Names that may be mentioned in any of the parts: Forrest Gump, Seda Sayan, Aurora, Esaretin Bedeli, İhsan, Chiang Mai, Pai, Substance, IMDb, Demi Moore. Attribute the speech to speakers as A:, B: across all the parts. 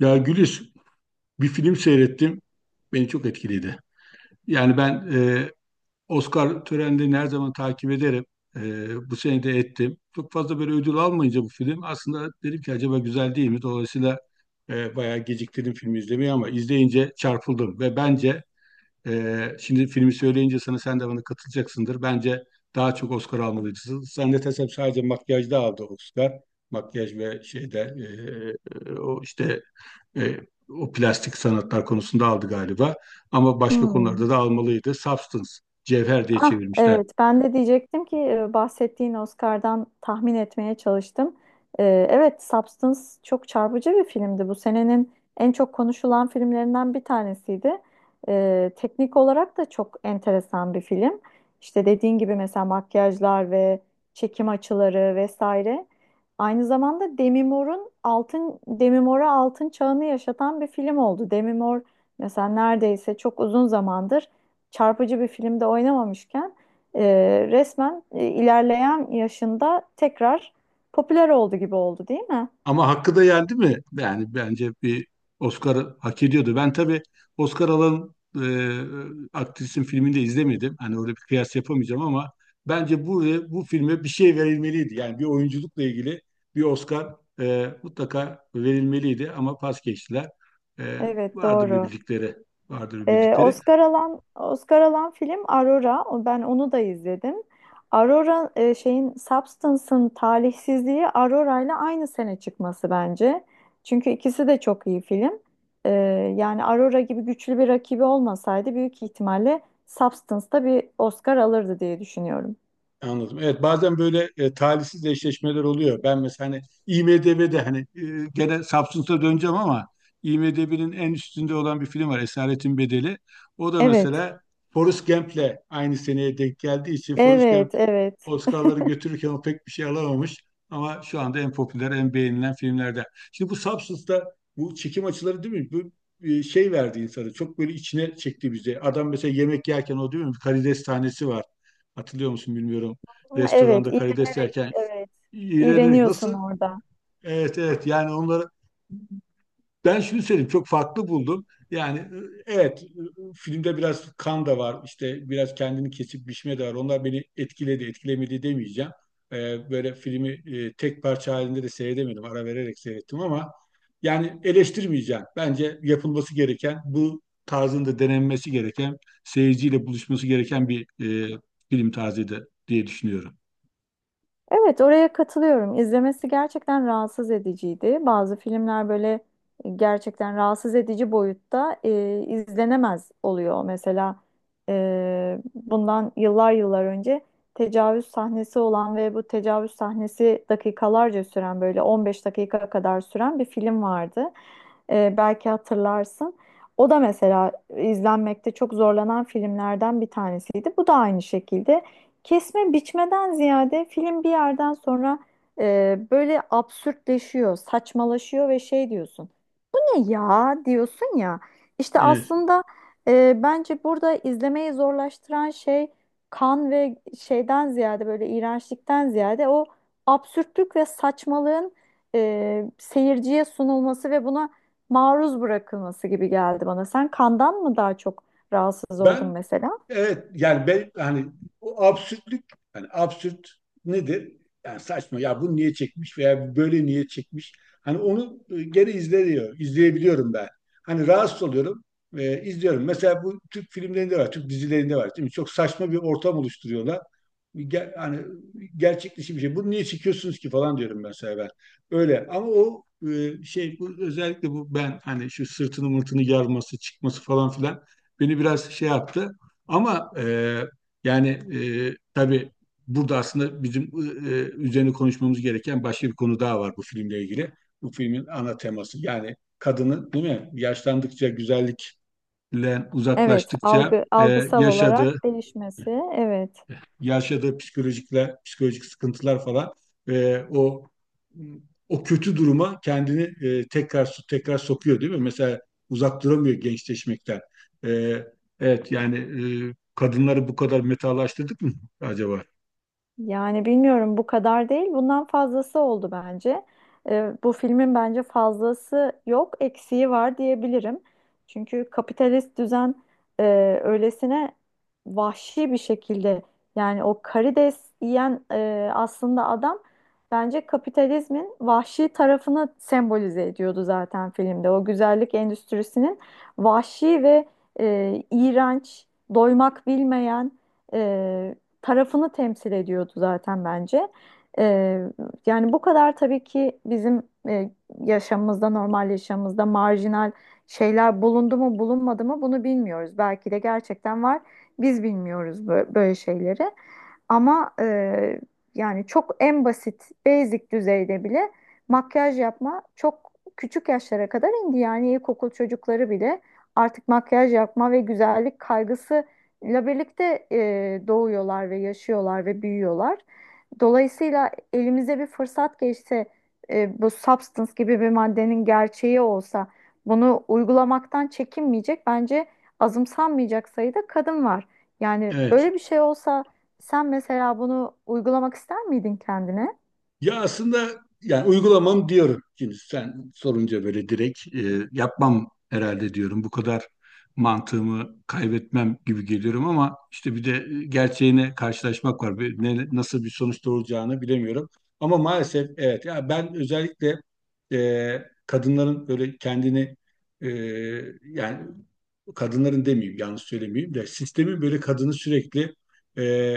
A: Ya Güliz, bir film seyrettim. Beni çok etkiledi. Yani Oscar törenlerini her zaman takip ederim. Bu sene de ettim. Çok fazla böyle ödül almayınca bu film aslında dedim ki acaba güzel değil mi? Dolayısıyla bayağı geciktirdim filmi izlemeyi ama izleyince çarpıldım. Ve bence şimdi filmi söyleyince sana sen de bana katılacaksındır. Bence daha çok Oscar almalıydı. Zannedersem sadece makyajda aldı Oscar. Makyaj ve şeyde e, e, o işte e, o plastik sanatlar konusunda aldı galiba. Ama başka
B: Hmm.
A: konularda da almalıydı. Substance, cevher diye
B: Ah
A: çevirmişler.
B: evet, ben de diyecektim ki bahsettiğin Oscar'dan tahmin etmeye çalıştım. Evet, Substance çok çarpıcı bir filmdi. Bu senenin en çok konuşulan filmlerinden bir tanesiydi. Teknik olarak da çok enteresan bir film. İşte dediğin gibi mesela makyajlar ve çekim açıları vesaire. Aynı zamanda Demi Moore'a altın çağını yaşatan bir film oldu. Demi Moore mesela neredeyse çok uzun zamandır çarpıcı bir filmde oynamamışken e, resmen ilerleyen yaşında tekrar popüler oldu gibi oldu, değil mi?
A: Ama hakkı da yendi mi? Yani bence bir Oscar hak ediyordu. Ben tabii Oscar alan aktrisin filmini de izlemedim. Hani orada bir kıyas yapamayacağım ama bence bu filme bir şey verilmeliydi. Yani bir oyunculukla ilgili bir Oscar mutlaka verilmeliydi ama pas geçtiler. E,
B: Evet,
A: Vardır bir
B: doğru.
A: bildikleri, vardır bir bildikleri.
B: Oscar alan film Aurora. Ben onu da izledim. Aurora, e, şeyin Substance'ın talihsizliği Aurora ile aynı sene çıkması bence. Çünkü ikisi de çok iyi film. E, yani Aurora gibi güçlü bir rakibi olmasaydı büyük ihtimalle Substance da bir Oscar alırdı diye düşünüyorum.
A: Anladım. Evet bazen böyle talihsiz eşleşmeler oluyor. Ben mesela hani IMDb'de hani gene Samsun'da döneceğim ama IMDb'nin en üstünde olan bir film var Esaretin Bedeli. O da
B: Evet,
A: mesela Forrest Gump'le aynı seneye denk geldiği için Forrest Gump
B: evet, evet.
A: Oscar'ları götürürken o pek bir şey alamamış. Ama şu anda en popüler, en beğenilen filmlerden. Şimdi bu Substance'da bu çekim açıları değil mi? Bu şey verdi insanı. Çok böyle içine çekti bizi. Adam mesela yemek yerken o değil mi? Bir karides tanesi var. Hatırlıyor musun bilmiyorum.
B: Hı, evet,
A: Restoranda karides
B: iğrenerek,
A: yerken
B: evet.
A: iğrenerek
B: İğreniyorsun
A: nasıl?
B: orada.
A: Evet evet yani onları ben şunu söyleyeyim çok farklı buldum. Yani evet filmde biraz kan da var işte biraz kendini kesip biçme de var. Onlar beni etkiledi etkilemedi demeyeceğim. Böyle filmi tek parça halinde de seyredemedim. Ara vererek seyrettim ama yani eleştirmeyeceğim. Bence yapılması gereken bu tarzında denenmesi gereken seyirciyle buluşması gereken bir e, film tarzıydı diye düşünüyorum.
B: Evet, oraya katılıyorum. İzlemesi gerçekten rahatsız ediciydi. Bazı filmler böyle gerçekten rahatsız edici boyutta izlenemez oluyor. Mesela bundan yıllar yıllar önce tecavüz sahnesi olan ve bu tecavüz sahnesi dakikalarca süren, böyle 15 dakika kadar süren bir film vardı. E, belki hatırlarsın. O da mesela izlenmekte çok zorlanan filmlerden bir tanesiydi. Bu da aynı şekilde. Kesme biçmeden ziyade film bir yerden sonra böyle absürtleşiyor, saçmalaşıyor ve şey diyorsun. Ne ya diyorsun ya. İşte
A: Evet.
B: aslında bence burada izlemeyi zorlaştıran şey kan ve şeyden ziyade, böyle iğrençlikten ziyade o absürtlük ve saçmalığın seyirciye sunulması ve buna maruz bırakılması gibi geldi bana. Sen kandan mı daha çok rahatsız oldun
A: Ben
B: mesela?
A: evet yani ben hani o absürtlük hani absürt nedir? Yani saçma ya bunu niye çekmiş veya böyle niye çekmiş? Hani onu geri izleniyor, izleyebiliyorum ben. Hani rahatsız oluyorum, izliyorum. Mesela bu Türk filmlerinde var, Türk dizilerinde var. Değil mi? Çok saçma bir ortam oluşturuyorlar. Ger hani gerçek dışı bir şey. Bunu niye çekiyorsunuz ki falan diyorum mesela ben. Öyle ama o şey bu özellikle bu ben hani şu sırtını mırtını yarması, çıkması falan filan beni biraz şey yaptı. Ama e, yani e, tabii burada aslında bizim e, üzerine konuşmamız gereken başka bir konu daha var bu filmle ilgili. Bu filmin ana teması yani kadının değil mi? Yaşlandıkça güzellikle
B: Evet,
A: uzaklaştıkça e,
B: algısal
A: yaşadığı
B: olarak değişmesi. Evet.
A: yaşadığı psikolojikler, psikolojik sıkıntılar falan e, o o kötü duruma kendini tekrar sokuyor değil mi? Mesela uzak duramıyor gençleşmekten. E, evet yani kadınları bu kadar metalaştırdık mı acaba?
B: Yani bilmiyorum, bu kadar değil. Bundan fazlası oldu bence. Bu filmin bence fazlası yok, eksiği var diyebilirim. Çünkü kapitalist düzen öylesine vahşi bir şekilde, yani o karides yiyen aslında adam bence kapitalizmin vahşi tarafını sembolize ediyordu zaten filmde. O güzellik endüstrisinin vahşi ve iğrenç, doymak bilmeyen tarafını temsil ediyordu zaten bence. Ee, yani bu kadar tabii ki bizim e, yaşamımızda, normal yaşamımızda marjinal şeyler bulundu mu bulunmadı mı, bunu bilmiyoruz. Belki de gerçekten var. Biz bilmiyoruz böyle şeyleri. Ama yani çok en basit, basic düzeyde bile makyaj yapma çok küçük yaşlara kadar indi. Yani ilkokul çocukları bile artık makyaj yapma ve güzellik kaygısı ile birlikte doğuyorlar ve yaşıyorlar ve büyüyorlar. Dolayısıyla elimize bir fırsat geçse, bu substance gibi bir maddenin gerçeği olsa, bunu uygulamaktan çekinmeyecek bence azımsanmayacak sayıda kadın var. Yani
A: Evet.
B: böyle bir şey olsa sen mesela bunu uygulamak ister miydin kendine?
A: Ya aslında yani uygulamam diyorum. Şimdi sen sorunca böyle direkt yapmam herhalde diyorum. Bu kadar mantığımı kaybetmem gibi geliyorum ama işte bir de gerçeğine karşılaşmak var. Bir- ne- nasıl bir sonuç doğuracağını bilemiyorum. Ama maalesef evet ya ben özellikle e, kadınların böyle kendini e, yani kadınların demeyeyim yanlış söylemeyeyim de sistemin böyle kadını sürekli e,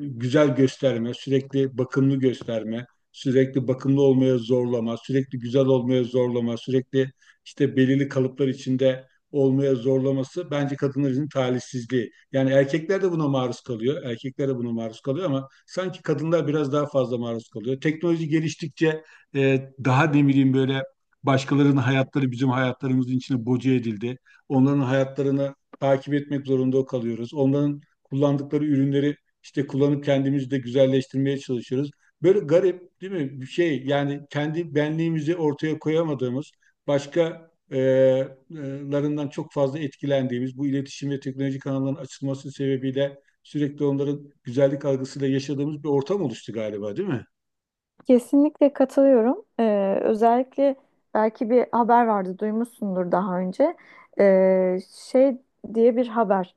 A: güzel gösterme, sürekli bakımlı gösterme, sürekli bakımlı olmaya zorlama, sürekli güzel olmaya zorlama, sürekli işte belirli kalıplar içinde olmaya zorlaması bence kadınların talihsizliği. Yani erkekler de buna maruz kalıyor. Erkekler de buna maruz kalıyor ama sanki kadınlar biraz daha fazla maruz kalıyor. Teknoloji geliştikçe daha ne bileyim böyle başkalarının hayatları bizim hayatlarımızın içine boca edildi. Onların hayatlarını takip etmek zorunda kalıyoruz. Onların kullandıkları ürünleri işte kullanıp kendimizi de güzelleştirmeye çalışıyoruz. Böyle garip değil mi? Bir şey yani kendi benliğimizi ortaya koyamadığımız, başka larından çok fazla etkilendiğimiz, bu iletişim ve teknoloji kanallarının açılması sebebiyle sürekli onların güzellik algısıyla yaşadığımız bir ortam oluştu galiba değil mi?
B: Kesinlikle katılıyorum. Özellikle belki bir haber vardı, duymuşsundur daha önce. Ee, şey diye bir haber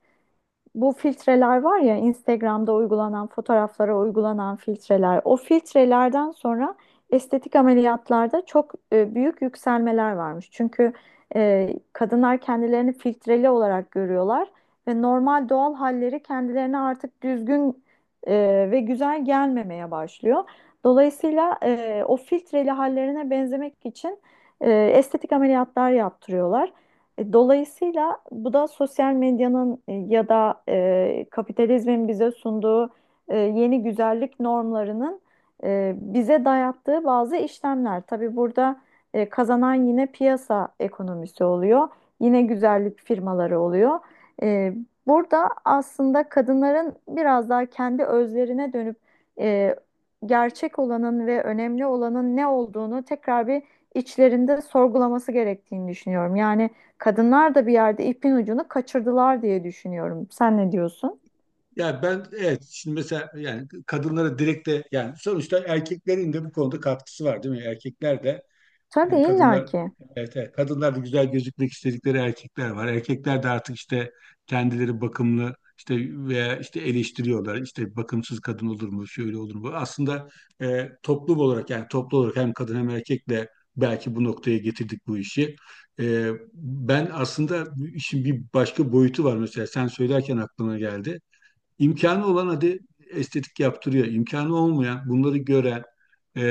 B: Bu filtreler var ya, Instagram'da uygulanan, fotoğraflara uygulanan filtreler. O filtrelerden sonra estetik ameliyatlarda çok büyük yükselmeler varmış. Çünkü kadınlar kendilerini filtreli olarak görüyorlar ve normal doğal halleri kendilerine artık düzgün ve güzel gelmemeye başlıyor. Dolayısıyla o filtreli hallerine benzemek için estetik ameliyatlar yaptırıyorlar. E, dolayısıyla bu da sosyal medyanın ya da kapitalizmin bize sunduğu yeni güzellik normlarının bize dayattığı bazı işlemler. Tabii burada kazanan yine piyasa ekonomisi oluyor, yine güzellik firmaları oluyor. E, burada aslında kadınların biraz daha kendi özlerine dönüp e, gerçek olanın ve önemli olanın ne olduğunu tekrar bir içlerinde sorgulaması gerektiğini düşünüyorum. Yani kadınlar da bir yerde ipin ucunu kaçırdılar diye düşünüyorum. Sen ne diyorsun?
A: Ya ben evet şimdi mesela yani kadınlara direkt de yani sonuçta erkeklerin de bu konuda katkısı var değil mi? Erkekler de
B: Tabii,
A: yani kadınlar
B: illaki.
A: evet, evet kadınlar da güzel gözükmek istedikleri erkekler var. Erkekler de artık işte kendileri bakımlı işte veya işte eleştiriyorlar. İşte bakımsız kadın olur mu, şöyle olur mu? Aslında toplum olarak yani toplu olarak hem kadın hem erkekle belki bu noktaya getirdik bu işi. Ben aslında bu işin bir başka boyutu var mesela sen söylerken aklıma geldi. İmkanı olan hadi estetik yaptırıyor. İmkanı olmayan, bunları gören, e,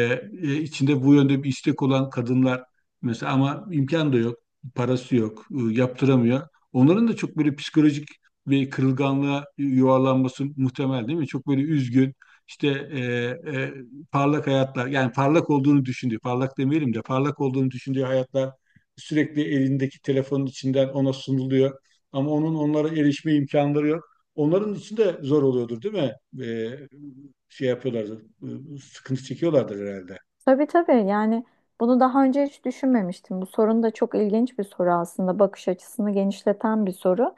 A: içinde bu yönde bir istek olan kadınlar mesela ama imkan da yok, parası yok, yaptıramıyor. Onların da çok böyle psikolojik ve kırılganlığa yuvarlanması muhtemel değil mi? Çok böyle üzgün, işte e, e, parlak hayatlar, yani parlak olduğunu düşündüğü, parlak demeyelim de parlak olduğunu düşündüğü hayatlar sürekli elindeki telefonun içinden ona sunuluyor. Ama onun onlara erişme imkanları yok. Onların için de zor oluyordur değil mi? Ee, şey yapıyorlardır, sıkıntı çekiyorlardır herhalde.
B: Tabii, tabii, yani bunu daha önce hiç düşünmemiştim. Bu sorun da çok ilginç bir soru aslında. Bakış açısını genişleten bir soru.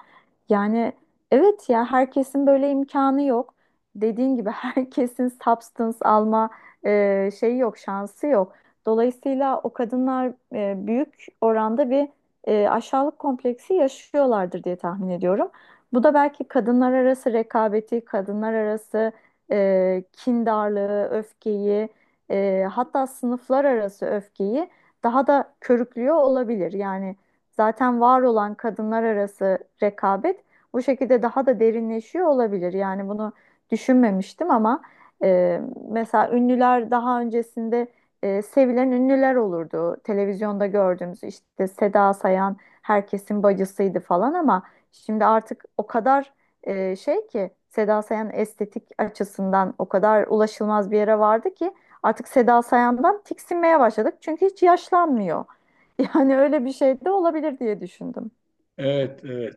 B: Yani evet ya, herkesin böyle imkanı yok. Dediğin gibi herkesin substance alma şeyi yok, şansı yok. Dolayısıyla o kadınlar büyük oranda bir aşağılık kompleksi yaşıyorlardır diye tahmin ediyorum. Bu da belki kadınlar arası rekabeti, kadınlar arası kindarlığı, öfkeyi, hatta sınıflar arası öfkeyi daha da körüklüyor olabilir. Yani zaten var olan kadınlar arası rekabet bu şekilde daha da derinleşiyor olabilir. Yani bunu düşünmemiştim ama e, mesela ünlüler daha öncesinde sevilen ünlüler olurdu. Televizyonda gördüğümüz, işte Seda Sayan herkesin bacısıydı falan, ama şimdi artık o kadar şey ki, Seda Sayan estetik açısından o kadar ulaşılmaz bir yere vardı ki artık Seda Sayan'dan tiksinmeye başladık. Çünkü hiç yaşlanmıyor. Yani öyle bir şey de olabilir diye düşündüm.
A: Evet, evet.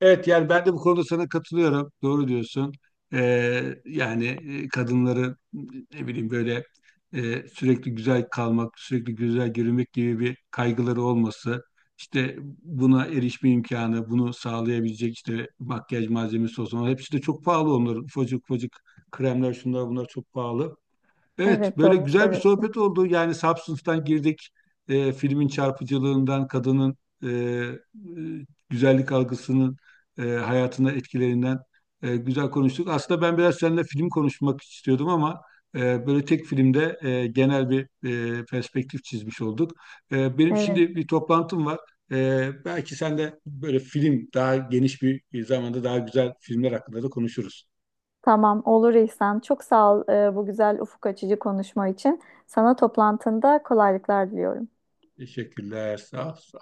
A: Evet yani ben de bu konuda sana katılıyorum. Doğru diyorsun. Yani kadınları ne bileyim böyle sürekli güzel kalmak, sürekli güzel görünmek gibi bir kaygıları olması, işte buna erişme imkanı, bunu sağlayabilecek işte makyaj malzemesi olsun. Ama hepsi de çok pahalı onların. Ufacık ufacık kremler şunlar bunlar çok pahalı. Evet,
B: Evet,
A: böyle
B: doğru
A: güzel bir
B: söylüyorsun.
A: sohbet oldu. Yani Substance'dan girdik, filmin çarpıcılığından, kadının e, e, güzellik algısının hayatına etkilerinden güzel konuştuk. Aslında ben biraz seninle film konuşmak istiyordum ama böyle tek filmde genel bir perspektif çizmiş olduk. Benim
B: Evet,
A: şimdi bir toplantım var. Belki sen de böyle film daha geniş bir zamanda daha güzel filmler hakkında da konuşuruz.
B: tamam, olur İhsan. Çok sağ ol bu güzel, ufuk açıcı konuşma için. Sana toplantında kolaylıklar diliyorum.
A: Teşekkürler, sağ ol.